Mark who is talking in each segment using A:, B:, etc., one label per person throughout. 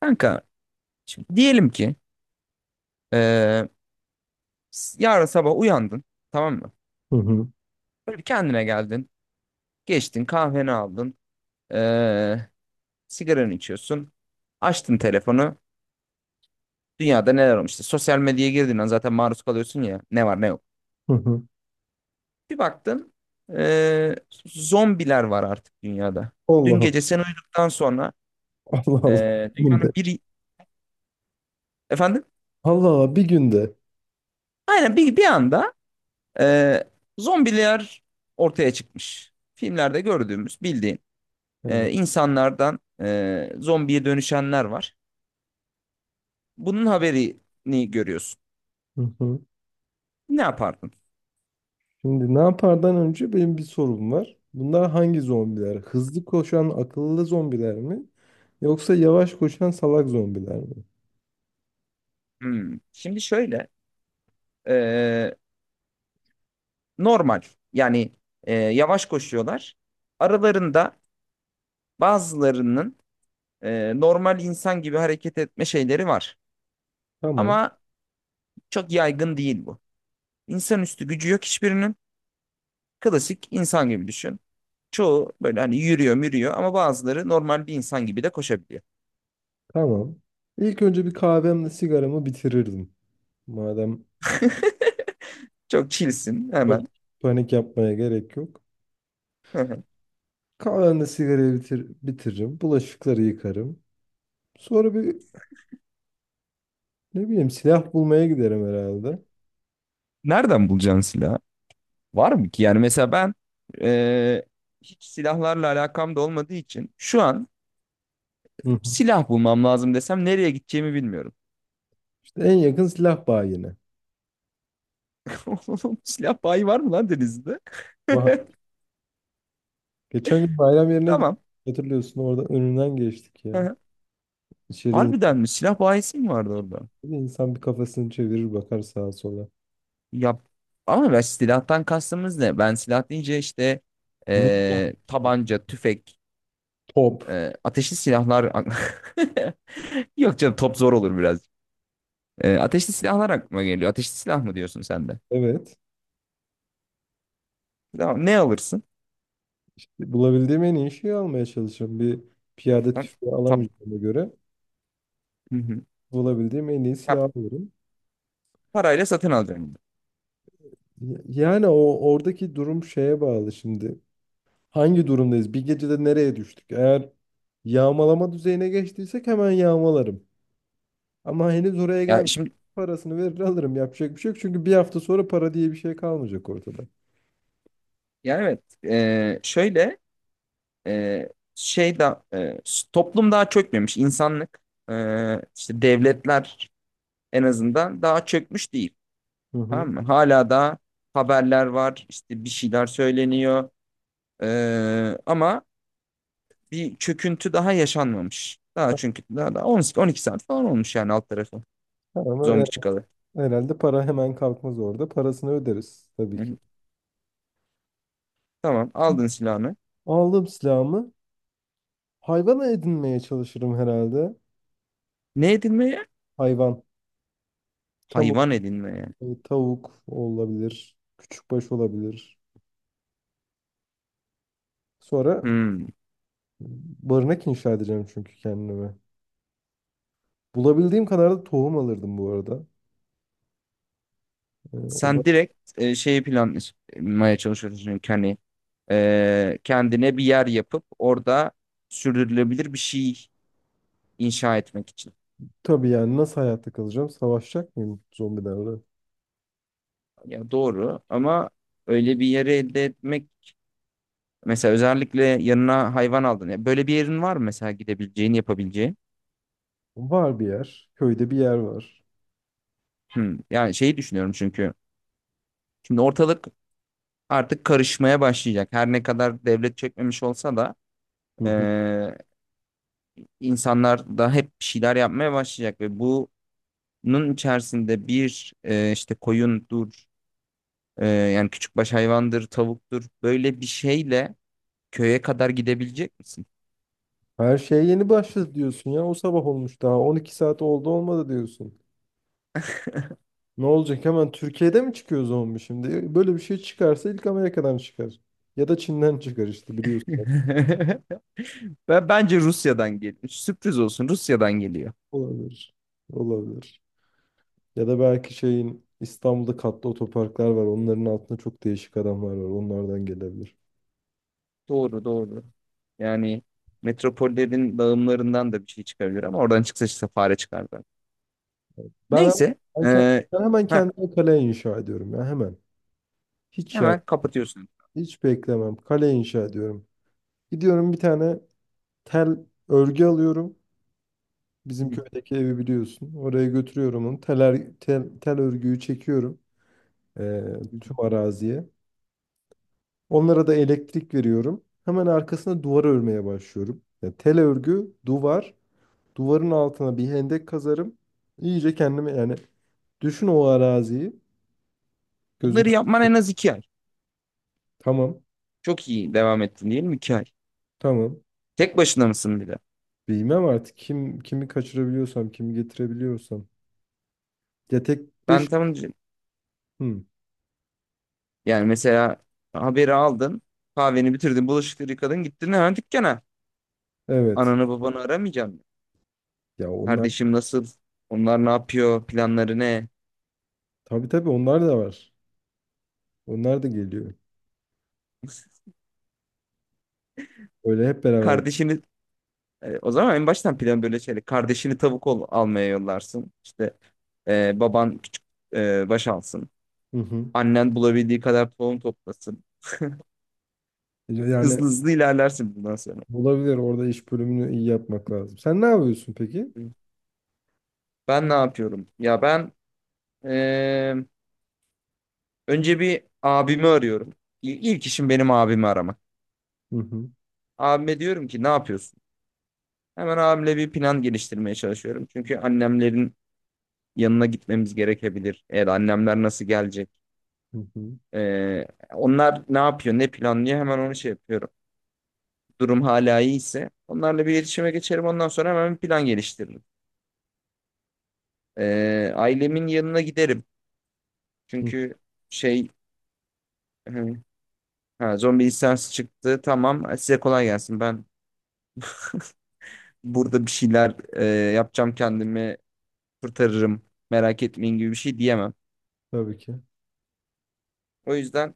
A: Kanka, şimdi diyelim ki, eee, yarın sabah uyandın, tamam mı?
B: Hı hı.
A: Böyle bir kendine geldin. Geçtin, kahveni aldın. eee Sigaranı içiyorsun. Açtın telefonu. Dünyada neler olmuş? İşte sosyal medyaya girdiğin an zaten maruz kalıyorsun ya. Ne var ne yok.
B: Hı hı.
A: Bir baktın, eee, zombiler var artık dünyada. Dün
B: Allah
A: gece sen uyuduktan sonra
B: Allah, Allah. Bugün
A: dünyanın
B: de.
A: bir... Efendim?
B: Allah Allah, bir günde.
A: Aynen bir anda, eee, zombiler ortaya çıkmış. Filmlerde gördüğümüz bildiğin.
B: Tamam.
A: İnsanlardan zombiye dönüşenler var. Bunun haberini görüyorsun.
B: Hı hı.
A: Ne yapardın?
B: Şimdi ne yapardan önce benim bir sorum var. Bunlar hangi zombiler? Hızlı koşan akıllı zombiler mi? Yoksa yavaş koşan salak zombiler mi?
A: Hmm. Şimdi şöyle, e, normal yani, yavaş koşuyorlar. Aralarında bazılarının normal insan gibi hareket etme şeyleri var.
B: Tamam.
A: Ama çok yaygın değil bu. İnsanüstü gücü yok hiçbirinin. Klasik insan gibi düşün. Çoğu böyle hani yürüyor, mürüyor ama bazıları normal bir insan gibi de koşabiliyor.
B: Tamam. İlk önce bir kahvemle sigaramı bitirirdim. Madem
A: Çok chillsin
B: çok
A: hemen.
B: panik yapmaya gerek yok. Kahvemle sigarayı bitiririm. Bulaşıkları yıkarım. Sonra bir, ne bileyim, silah bulmaya giderim herhalde.
A: Nereden bulacaksın silah? Var mı ki? Yani mesela ben, e, hiç silahlarla alakam da olmadığı için şu an
B: Hı hı.
A: silah bulmam lazım desem nereye gideceğimi bilmiyorum.
B: En yakın silah bayine.
A: Oğlum, silah bayi var mı lan Denizli'de?
B: Vah. Geçen gün bayram yerine gittik.
A: Tamam.
B: Hatırlıyorsun, orada önünden geçtik ya.
A: Hı hı.
B: İçeri in-
A: Harbiden mi? Silah bayisi mi vardı orada?
B: insan bir kafasını çevirir bakar sağa sola.
A: Ya ama ben, silahtan kastımız ne? Ben silah deyince işte,
B: Minyon,
A: tabanca, tüfek,
B: top.
A: ateşli silahlar. Yok canım, top zor olur biraz. Ateşli silahlar aklıma geliyor. Ateşli silah mı diyorsun sen de?
B: Evet.
A: Ya ne alırsın?
B: Bulabildiğim en iyi şeyi almaya çalışıyorum. Bir piyade
A: Tam,
B: tüfeği
A: tam,
B: alamayacağıma göre
A: hı hı.
B: bulabildiğim en iyi
A: Ya
B: silahı alıyorum.
A: parayla satın alacaksın.
B: Yani o oradaki durum şeye bağlı şimdi. Hangi durumdayız? Bir gecede nereye düştük? Eğer yağmalama düzeyine geçtiysek hemen yağmalarım. Ama henüz oraya
A: Ya
B: gelmedim.
A: şimdi,
B: Parasını verir alırım. Yapacak bir şey yok. Çünkü bir hafta sonra para diye bir şey kalmayacak ortada.
A: ya evet, şöyle, e, şey da, toplum daha çökmemiş, insanlık, e, işte devletler en azından daha çökmüş değil.
B: Hı hı.
A: Tamam mı? Hala da haberler var, işte bir şeyler söyleniyor. Ama bir çöküntü daha yaşanmamış. Daha, çünkü daha da 12 saat falan olmuş yani, alt tarafı
B: Ha, ama
A: zombi
B: yani
A: çıkalı.
B: herhalde para hemen kalkmaz orada. Parasını öderiz
A: Hı
B: tabii ki.
A: hı. Tamam, aldın silahını.
B: Aldım silahımı. Hayvan edinmeye çalışırım herhalde.
A: Ne edilmeye?
B: Hayvan. Tavuk,
A: Hayvan edinmeye.
B: tavuk olabilir. Küçükbaş olabilir. Sonra
A: Hmm.
B: barınak inşa edeceğim çünkü kendime. Bulabildiğim kadar da tohum alırdım bu arada. Ee, O da
A: Sen direkt şeyi planlamaya çalışıyorsun çünkü hani, kendine bir yer yapıp orada sürdürülebilir bir şey inşa etmek için.
B: tabii, yani nasıl hayatta kalacağım? Savaşacak mıyım zombilerle?
A: Ya doğru ama öyle bir yeri elde etmek, mesela özellikle yanına hayvan aldın. Ya böyle bir yerin var mı mesela, gidebileceğin, yapabileceğin?
B: Var bir yer. Köyde bir yer var.
A: Hmm. Yani şeyi düşünüyorum çünkü şimdi ortalık artık karışmaya başlayacak. Her ne kadar devlet çekmemiş olsa da,
B: Hı
A: e,
B: hı.
A: insanlar da hep bir şeyler yapmaya başlayacak ve bunun içerisinde bir, işte koyundur, yani küçükbaş hayvandır, tavuktur, böyle bir şeyle köye kadar gidebilecek misin?
B: Her şeye yeni başladı diyorsun ya. O sabah olmuş daha. 12 saat oldu olmadı diyorsun. Ne olacak, hemen Türkiye'de mi çıkıyor zombi şimdi? Böyle bir şey çıkarsa ilk Amerika'dan çıkar. Ya da Çin'den çıkar işte, biliyorsun.
A: Bence Rusya'dan geliyor. Sürpriz olsun, Rusya'dan geliyor.
B: Olabilir. Olabilir. Ya da belki şeyin, İstanbul'da katlı otoparklar var. Onların altında çok değişik adamlar var. Onlardan gelebilir.
A: Doğru, doğru. Yani metropollerin dağılımlarından da bir şey çıkabilir ama oradan çıksa işte fare çıkardı.
B: Ben,
A: Neyse.
B: ben, ke- Ben hemen
A: Heh,
B: kendime kale inşa ediyorum ya, hemen. Hiç yani,
A: Hemen kapatıyorsun.
B: hiç beklemem. Kale inşa ediyorum. Gidiyorum bir tane tel örgü alıyorum.
A: Hı
B: Bizim köydeki evi biliyorsun. Oraya götürüyorum onu. Tel örgüyü çekiyorum
A: hı.
B: tüm araziye. Onlara da elektrik veriyorum. Hemen arkasına duvar örmeye başlıyorum. Yani tel örgü, duvar. Duvarın altına bir hendek kazarım. İyice kendimi yani, düşün o araziyi.
A: Bunları
B: Gözünden
A: yapman en az 2 ay.
B: tamam,
A: Çok iyi devam ettin diyelim, 2 ay.
B: tamam.
A: Tek başına mısın bir de?
B: Bilmem artık, kim kimi kaçırabiliyorsam, kimi getirebiliyorsam. Ya tek
A: Ben
B: dış.
A: tam,
B: Hı,
A: yani mesela haberi aldın. Kahveni bitirdin. Bulaşıkları yıkadın. Gittin hemen dükkana.
B: evet.
A: Ananı babanı aramayacağım.
B: Ya onlar,
A: Kardeşim nasıl? Onlar ne yapıyor? Planları ne?
B: tabii tabii onlar da var. Onlar da geliyor. Öyle hep beraber.
A: Kardeşini, o zaman en baştan plan böyle şeyle. Kardeşini tavuk almaya yollarsın. İşte, baban küçük, baş alsın.
B: Hı hı.
A: Annen bulabildiği kadar tohum toplasın.
B: Yani
A: Hızlı hızlı ilerlersin bundan sonra.
B: olabilir, orada iş bölümünü iyi yapmak lazım. Sen ne yapıyorsun peki?
A: Ben ne yapıyorum? Ya ben, eee, önce bir abimi arıyorum. İlk işim benim abimi aramak.
B: Hı hı.
A: Abime diyorum ki, ne yapıyorsun? Hemen abimle bir plan geliştirmeye çalışıyorum. Çünkü annemlerin yanına gitmemiz gerekebilir. Eğer annemler nasıl gelecek?
B: Hı hı.
A: Ee, Onlar ne yapıyor, ne planlıyor? Hemen onu şey yapıyorum. Durum hala iyiyse, onlarla bir iletişime geçerim. Ondan sonra hemen bir plan geliştiririm. Ailemin yanına giderim.
B: Hı.
A: Çünkü şey... hı, ha, zombi isyansı çıktı. Tamam. Size kolay gelsin. Ben burada bir şeyler yapacağım, kendimi kurtarırım, merak etmeyin gibi bir şey diyemem.
B: Tabii ki.
A: O yüzden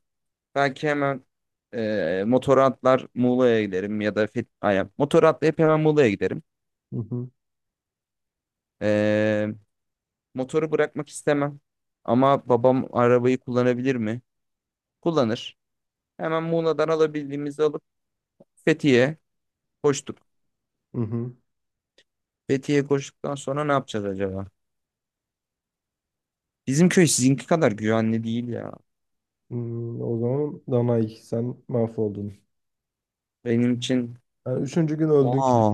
A: belki hemen motora atlar Muğla'ya giderim, ya da aynen. Motora atlayıp hemen Muğla'ya giderim.
B: Hı hı.
A: E, Motoru bırakmak istemem ama babam arabayı kullanabilir mi? Kullanır. Hemen Muğla'dan alabildiğimizi alıp Fethiye'ye koştuk.
B: Hı hı.
A: Fethiye'ye koştuktan sonra ne yapacağız acaba? Bizim köy sizinki kadar güvenli değil ya.
B: Hmm, o zaman Danay sen mahvoldun.
A: Benim için...
B: Yani üçüncü gün öldün ki
A: Aa,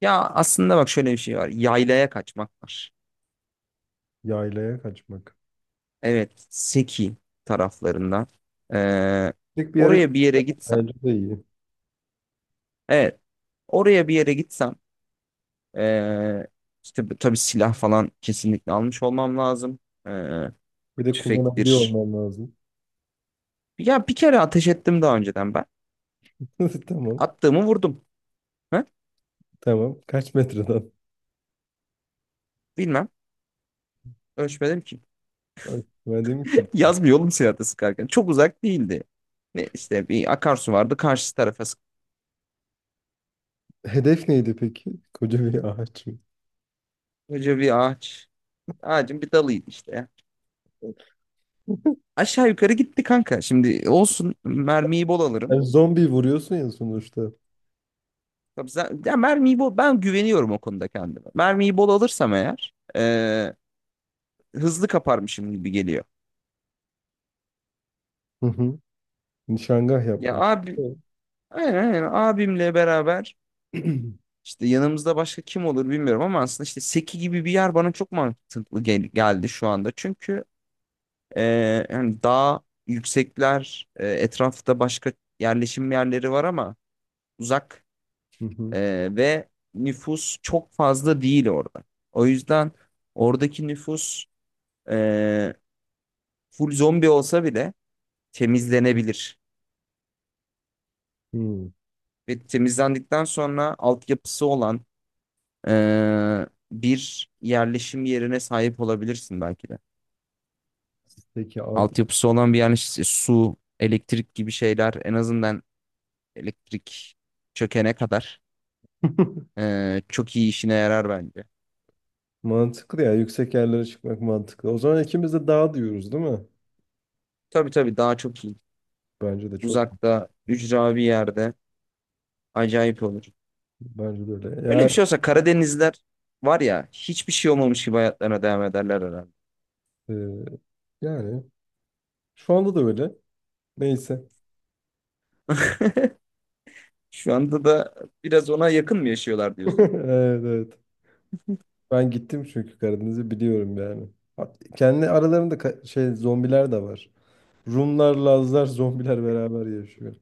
A: ya aslında bak, şöyle bir şey var. Yaylaya kaçmak var.
B: yaylaya kaçmak.
A: Evet, Seki taraflarında. Ee,
B: Tek bir yarış,
A: Oraya bir yere gitsem.
B: bence de iyi.
A: Evet, oraya bir yere gitsem. Ee, işte tabii silah falan kesinlikle almış olmam lazım. Ee,
B: Bir de kullanabiliyor
A: Tüfektir.
B: olman lazım.
A: Ya bir kere ateş ettim daha önceden ben.
B: Tamam.
A: Attığımı vurdum. Ha?
B: Tamam. Kaç metreden?
A: Bilmem. Ölçmedim ki.
B: Ben dedim ki
A: Yazmıyor oğlum silahta sıkarken. Çok uzak değildi. Ne işte, bir akarsu vardı. Karşı tarafa,
B: hedef neydi peki? Koca bir ağaç.
A: sıkıca bir ağaç. Ağacın bir dalıydı işte. Aşağı yukarı gitti kanka. Şimdi olsun mermiyi bol alırım.
B: Yani zombi vuruyorsun ya sonuçta.
A: Ya mermiyi bol, ben güveniyorum o konuda kendime. Mermiyi bol alırsam eğer, hızlı kaparmışım gibi geliyor.
B: Hı hı. Nişangah
A: Ya
B: yaptım.
A: abi,
B: Evet.
A: aynen, aynen. Abimle beraber işte yanımızda başka kim olur bilmiyorum ama aslında işte Seki gibi bir yer bana çok mantıklı geldi şu anda. Çünkü hani daha yüksekler, etrafta başka yerleşim yerleri var ama uzak.
B: Hı hı.
A: Ve nüfus çok fazla değil orada. O yüzden oradaki nüfus, e, full zombi olsa bile, temizlenebilir.
B: Hmm.
A: Ve temizlendikten sonra altyapısı olan e, bir yerleşim yerine sahip olabilirsin belki de.
B: Peki abi.
A: Altyapısı olan bir yerleşim, su, elektrik gibi şeyler, en azından elektrik çökene kadar, çok iyi işine yarar bence.
B: Mantıklı ya. Yüksek yerlere çıkmak mantıklı. O zaman ikimiz de dağ diyoruz, değil mi?
A: Tabii, tabii, daha çok iyi.
B: Bence de çok.
A: Uzakta, ücra bir yerde acayip olur.
B: Bence de öyle.
A: Böyle
B: Ya,
A: bir şey olsa Karadenizler var ya, hiçbir şey olmamış gibi hayatlarına devam ederler herhalde.
B: e, yani şu anda da öyle. Neyse.
A: Şu anda da biraz ona yakın mı yaşıyorlar diyorsun?
B: Evet, evet. Ben gittim çünkü Karadeniz'i biliyorum yani. Kendi aralarında şey, zombiler de var. Rumlar, Lazlar, zombiler beraber yaşıyor.